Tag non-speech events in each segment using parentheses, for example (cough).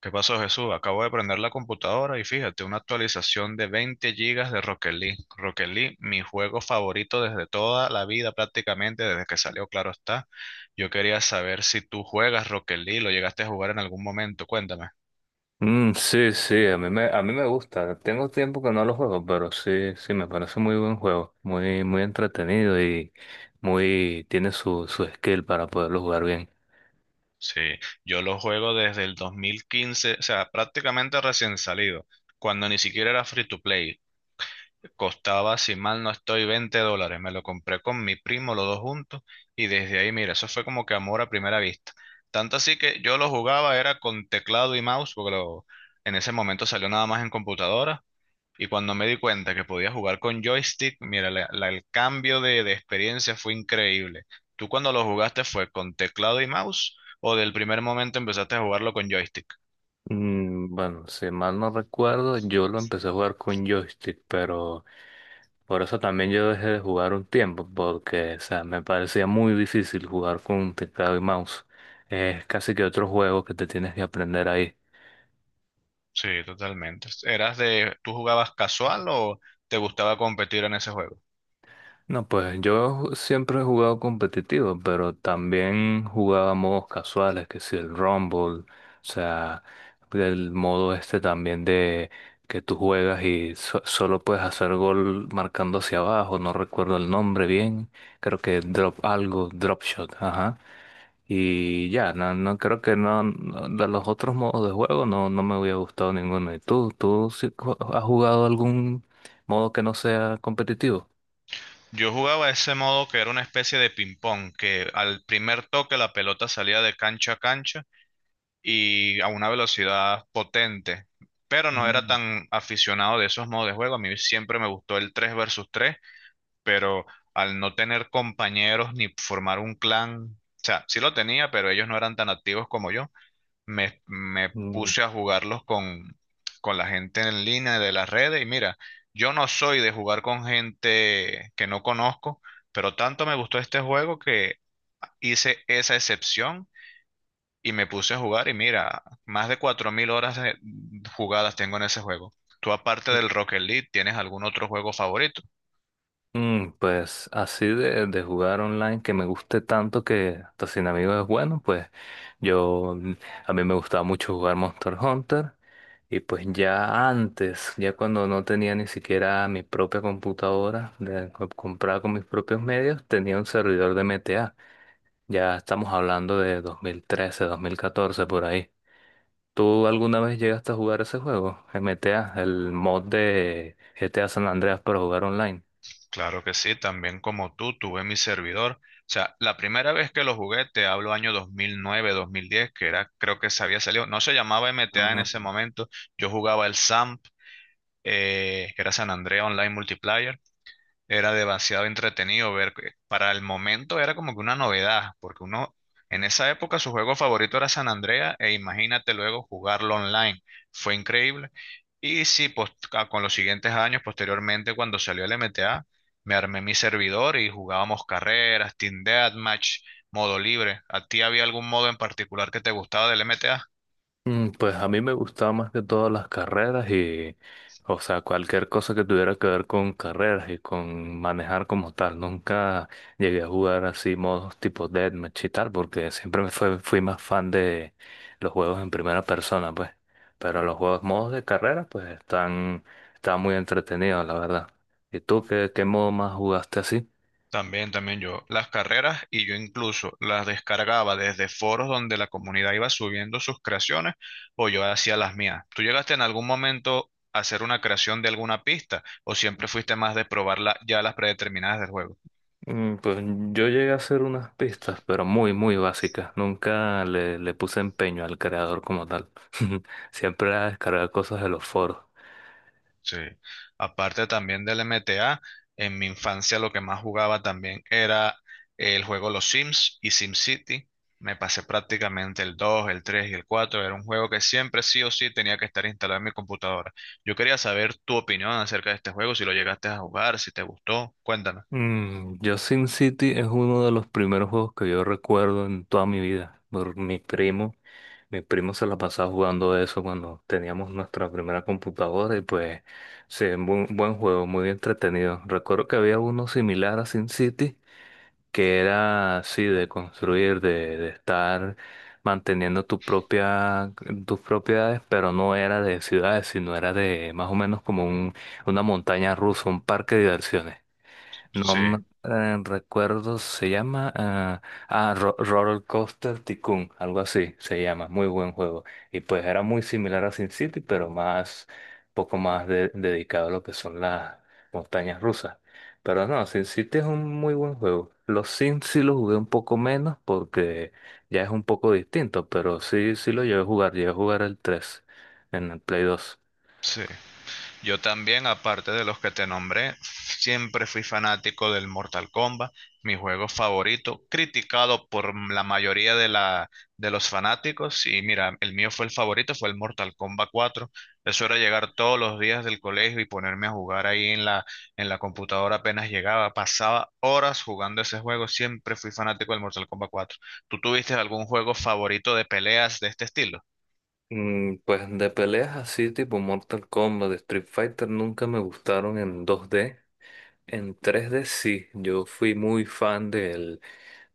¿Qué pasó, Jesús? Acabo de prender la computadora y fíjate, una actualización de 20 gigas de Rocket League. Rocket League, mi juego favorito desde toda la vida, prácticamente desde que salió, claro está. Yo quería saber si tú juegas Rocket League, lo llegaste a jugar en algún momento, cuéntame. Mm, sí, sí, a mí me gusta. Tengo tiempo que no lo juego, pero sí, sí, me parece muy buen juego. Muy, muy entretenido y tiene su skill para poderlo jugar bien. Sí, yo lo juego desde el 2015, o sea, prácticamente recién salido, cuando ni siquiera era free to play. Costaba, si mal no estoy, $20. Me lo compré con mi primo, los dos juntos, y desde ahí, mira, eso fue como que amor a primera vista. Tanto así que yo lo jugaba, era con teclado y mouse, en ese momento salió nada más en computadora. Y cuando me di cuenta que podía jugar con joystick, mira, el cambio de experiencia fue increíble. ¿Tú cuando lo jugaste fue con teclado y mouse o del primer momento empezaste a jugarlo con joystick? Mm, bueno, si mal no recuerdo, yo lo empecé a jugar con joystick, pero por eso también yo dejé de jugar un tiempo, porque, o sea, me parecía muy difícil jugar con teclado y mouse. Es casi que otro juego que te tienes que aprender ahí. Sí, totalmente. ¿Eras de, tú jugabas casual o te gustaba competir en ese juego? No, pues yo siempre he jugado competitivo, pero también jugaba modos casuales, que si el Rumble, o sea, el modo este también de que tú juegas y solo puedes hacer gol marcando hacia abajo, no recuerdo el nombre bien, creo que drop algo, drop shot, ajá. Y ya, no, no creo que no, de los otros modos de juego no, no me hubiera gustado ninguno. ¿Y tú sí has jugado algún modo que no sea competitivo? Yo jugaba ese modo que era una especie de ping-pong, que al primer toque la pelota salía de cancha a cancha y a una velocidad potente, pero no era tan aficionado de esos modos de juego. A mí siempre me gustó el 3 versus tres, pero al no tener compañeros ni formar un clan, o sea, sí lo tenía, pero ellos no eran tan activos como yo, me Mm, puse a jugarlos con la gente en línea de las redes y mira, yo no soy de jugar con gente que no conozco, pero tanto me gustó este juego que hice esa excepción y me puse a jugar y mira, más de 4000 horas jugadas tengo en ese juego. ¿Tú aparte del Rocket League, tienes algún otro juego favorito? Pues así de jugar online que me guste tanto que hasta sin amigos es bueno, pues yo mm, a mí me gustaba mucho jugar Monster Hunter y pues ya antes, ya cuando no tenía ni siquiera mi propia computadora comprada con mis propios medios, tenía un servidor de MTA. Ya estamos hablando de dos mil trece 2014 por ahí. ¿Tú alguna vez llegaste a jugar ese juego, MTA, el mod de GTA San Andreas para jugar online? Claro que sí, también como tú, tuve mi servidor. O sea, la primera vez que lo jugué, te hablo año 2009, 2010, que era, creo que se había salido, no se llamaba MTA en Ah. ese momento, yo jugaba el SAMP, que era San Andrea Online Multiplayer, era demasiado entretenido ver. Que Para el momento era como que una novedad, porque uno en esa época su juego favorito era San Andrea e imagínate luego jugarlo online. Fue increíble. Y sí, con los siguientes años, posteriormente, cuando salió el MTA, me armé mi servidor y jugábamos carreras, Team Deathmatch, modo libre. ¿A ti había algún modo en particular que te gustaba del MTA? Pues a mí me gustaban más que todas las carreras y, o sea, cualquier cosa que tuviera que ver con carreras y con manejar como tal. Nunca llegué a jugar así modos tipo deathmatch y tal, porque siempre fui más fan de los juegos en primera persona, pues. Pero los juegos modos de carreras pues están, están muy entretenidos, la verdad. ¿Y tú qué modo más jugaste así? También, también yo, las carreras, y yo incluso las descargaba desde foros donde la comunidad iba subiendo sus creaciones o yo hacía las mías. ¿Tú llegaste en algún momento a hacer una creación de alguna pista o siempre fuiste más de probarla ya las predeterminadas del juego? Pues yo llegué a hacer unas pistas, pero muy, muy básicas. Nunca le puse empeño al creador como tal. (laughs) Siempre era descargar cosas de los foros. Sí, aparte también del MTA, en mi infancia lo que más jugaba también era el juego Los Sims y SimCity. Me pasé prácticamente el 2, el 3 y el 4. Era un juego que siempre sí o sí tenía que estar instalado en mi computadora. Yo quería saber tu opinión acerca de este juego, si lo llegaste a jugar, si te gustó. Cuéntame. Mm, yo Sin City es uno de los primeros juegos que yo recuerdo en toda mi vida. Por mi primo se la pasaba jugando eso cuando teníamos nuestra primera computadora y pues sí, un buen, buen juego, muy entretenido. Recuerdo que había uno similar a Sin City que era así de construir, de estar manteniendo tus propiedades, pero no era de ciudades, sino era de más o menos como una montaña rusa, un parque de diversiones. No Sí, me- Recuerdo, se llama Roller Coaster Tycoon, algo así se llama, muy buen juego. Y pues era muy similar a Sin City, pero poco más dedicado a lo que son las montañas rusas. Pero no, Sin City es un muy buen juego. Los Sims sí los jugué un poco menos porque ya es un poco distinto, pero sí, sí lo llevé a jugar el 3 en el Play 2. sí. Yo también, aparte de los que te nombré, siempre fui fanático del Mortal Kombat, mi juego favorito, criticado por la mayoría de los fanáticos. Y mira, el mío fue el favorito, fue el Mortal Kombat 4. Eso era llegar todos los días del colegio y ponerme a jugar ahí en la computadora apenas llegaba. Pasaba horas jugando ese juego, siempre fui fanático del Mortal Kombat 4. ¿Tú tuviste algún juego favorito de peleas de este estilo? Pues de peleas así tipo Mortal Kombat, Street Fighter nunca me gustaron en 2D. En 3D sí, yo fui muy fan del,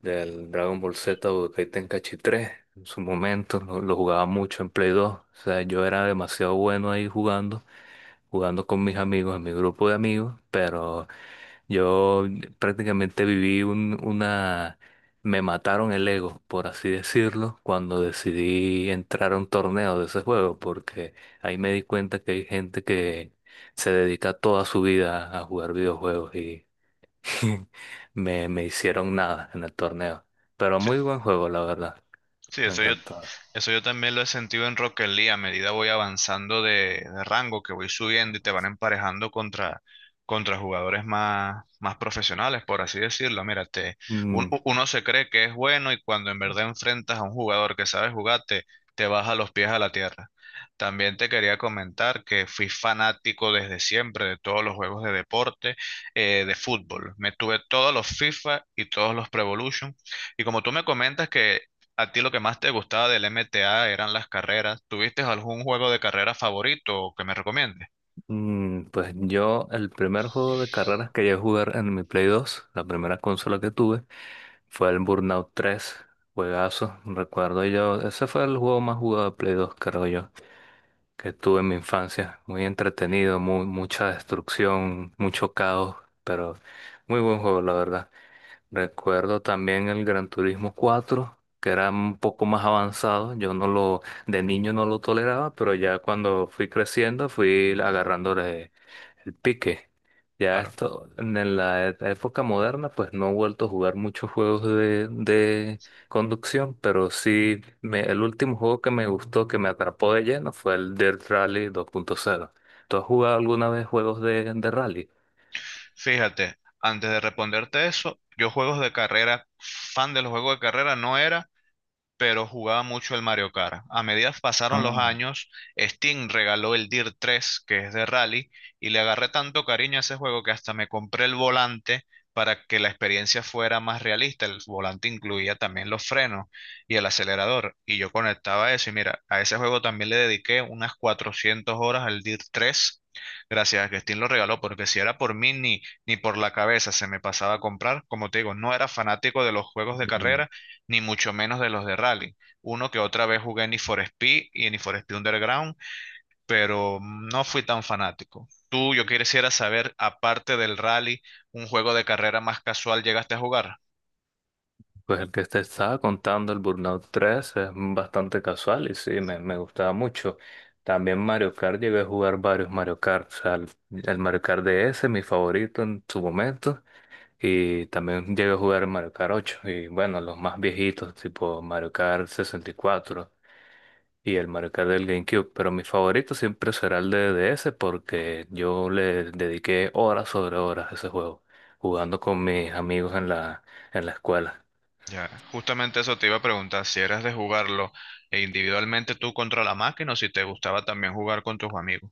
del Dragon Ball Z Budokai Tenkaichi 3 en su momento, lo jugaba mucho en Play 2. O sea, yo era demasiado bueno ahí jugando con mis amigos, en mi grupo de amigos, pero yo prácticamente viví. Me mataron el ego, por así decirlo, cuando decidí entrar a un torneo de ese juego, porque ahí me di cuenta que hay gente que se dedica toda su vida a jugar videojuegos y (laughs) me hicieron nada en el torneo. Pero muy buen juego, la verdad. Sí, Me encantó. eso yo también lo he sentido en Rocket League. A medida voy avanzando de rango, que voy subiendo y te van emparejando contra jugadores más profesionales, por así decirlo. Mira, Mm, uno se cree que es bueno y cuando en verdad enfrentas a un jugador que sabe jugar, te baja los pies a la tierra. También te quería comentar que fui fanático desde siempre de todos los juegos de deporte, de fútbol. Me tuve todos los FIFA y todos los Pro Evolution. Y como tú me comentas que ¿a ti lo que más te gustaba del MTA eran las carreras? ¿Tuviste algún juego de carrera favorito que me recomiendes? Pues yo, el primer juego de carreras que llegué a jugar en mi Play 2, la primera consola que tuve, fue el Burnout 3 juegazo, recuerdo yo, ese fue el juego más jugado de Play 2, creo yo, que tuve en mi infancia, muy entretenido, mucha destrucción, mucho caos, pero muy buen juego, la verdad. Recuerdo también el Gran Turismo 4 que era un poco más avanzado, yo no lo, de niño no lo toleraba, pero ya cuando fui creciendo fui agarrando el pique. Ya Claro. esto, en la época moderna, pues no he vuelto a jugar muchos juegos de conducción, pero sí, el último juego que me gustó, que me atrapó de lleno, fue el Dirt Rally 2.0. ¿Tú has jugado alguna vez juegos de rally? Fíjate, antes de responderte eso, yo juegos de carrera, fan de los juegos de carrera no era, pero jugaba mucho el Mario Kart. A medida que pasaron los Ah. años, Steam regaló el DIR 3, que es de rally, y le agarré tanto cariño a ese juego que hasta me compré el volante para que la experiencia fuera más realista. El volante incluía también los frenos y el acelerador, y yo conectaba eso. Y mira, a ese juego también le dediqué unas 400 horas al DIR 3. Gracias a que Steam lo regaló, porque si era por mí ni por la cabeza se me pasaba a comprar. Como te digo, no era fanático de los juegos de mm, carrera, ni mucho menos de los de rally. Uno que otra vez jugué en Need for Speed y en Need for Speed Underground, pero no fui tan fanático. Tú, yo quisiera saber, aparte del rally, un juego de carrera más casual llegaste a jugar. Pues el que te estaba contando, el Burnout 3 es bastante casual y sí, me gustaba mucho. También Mario Kart, llegué a jugar varios Mario Kart, o sea, el Mario Kart DS, mi favorito en su momento. Y también llegué a jugar Mario Kart 8. Y bueno, los más viejitos, tipo Mario Kart 64 y 4 y el Mario Kart del GameCube. Pero mi favorito siempre será el de DS porque yo le dediqué horas sobre horas a ese juego, jugando con mis amigos en la escuela. Ya, justamente eso te iba a preguntar, si eras de jugarlo e individualmente tú contra la máquina o si te gustaba también jugar con tus amigos.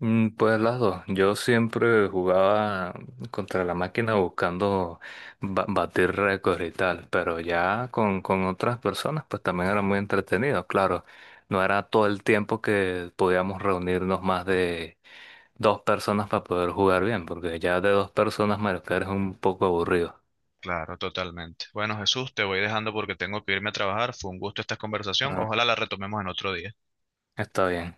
Pues las dos. Yo siempre jugaba contra la máquina buscando batir récords y tal, pero ya con otras personas pues también era muy entretenido, claro. No era todo el tiempo que podíamos reunirnos más de dos personas para poder jugar bien, porque ya de dos personas Mario Kart es un poco aburrido. Claro, totalmente. Bueno, Jesús, te voy dejando porque tengo que irme a trabajar. Fue un gusto esta conversación. Ah, Ojalá la retomemos en otro día. está bien.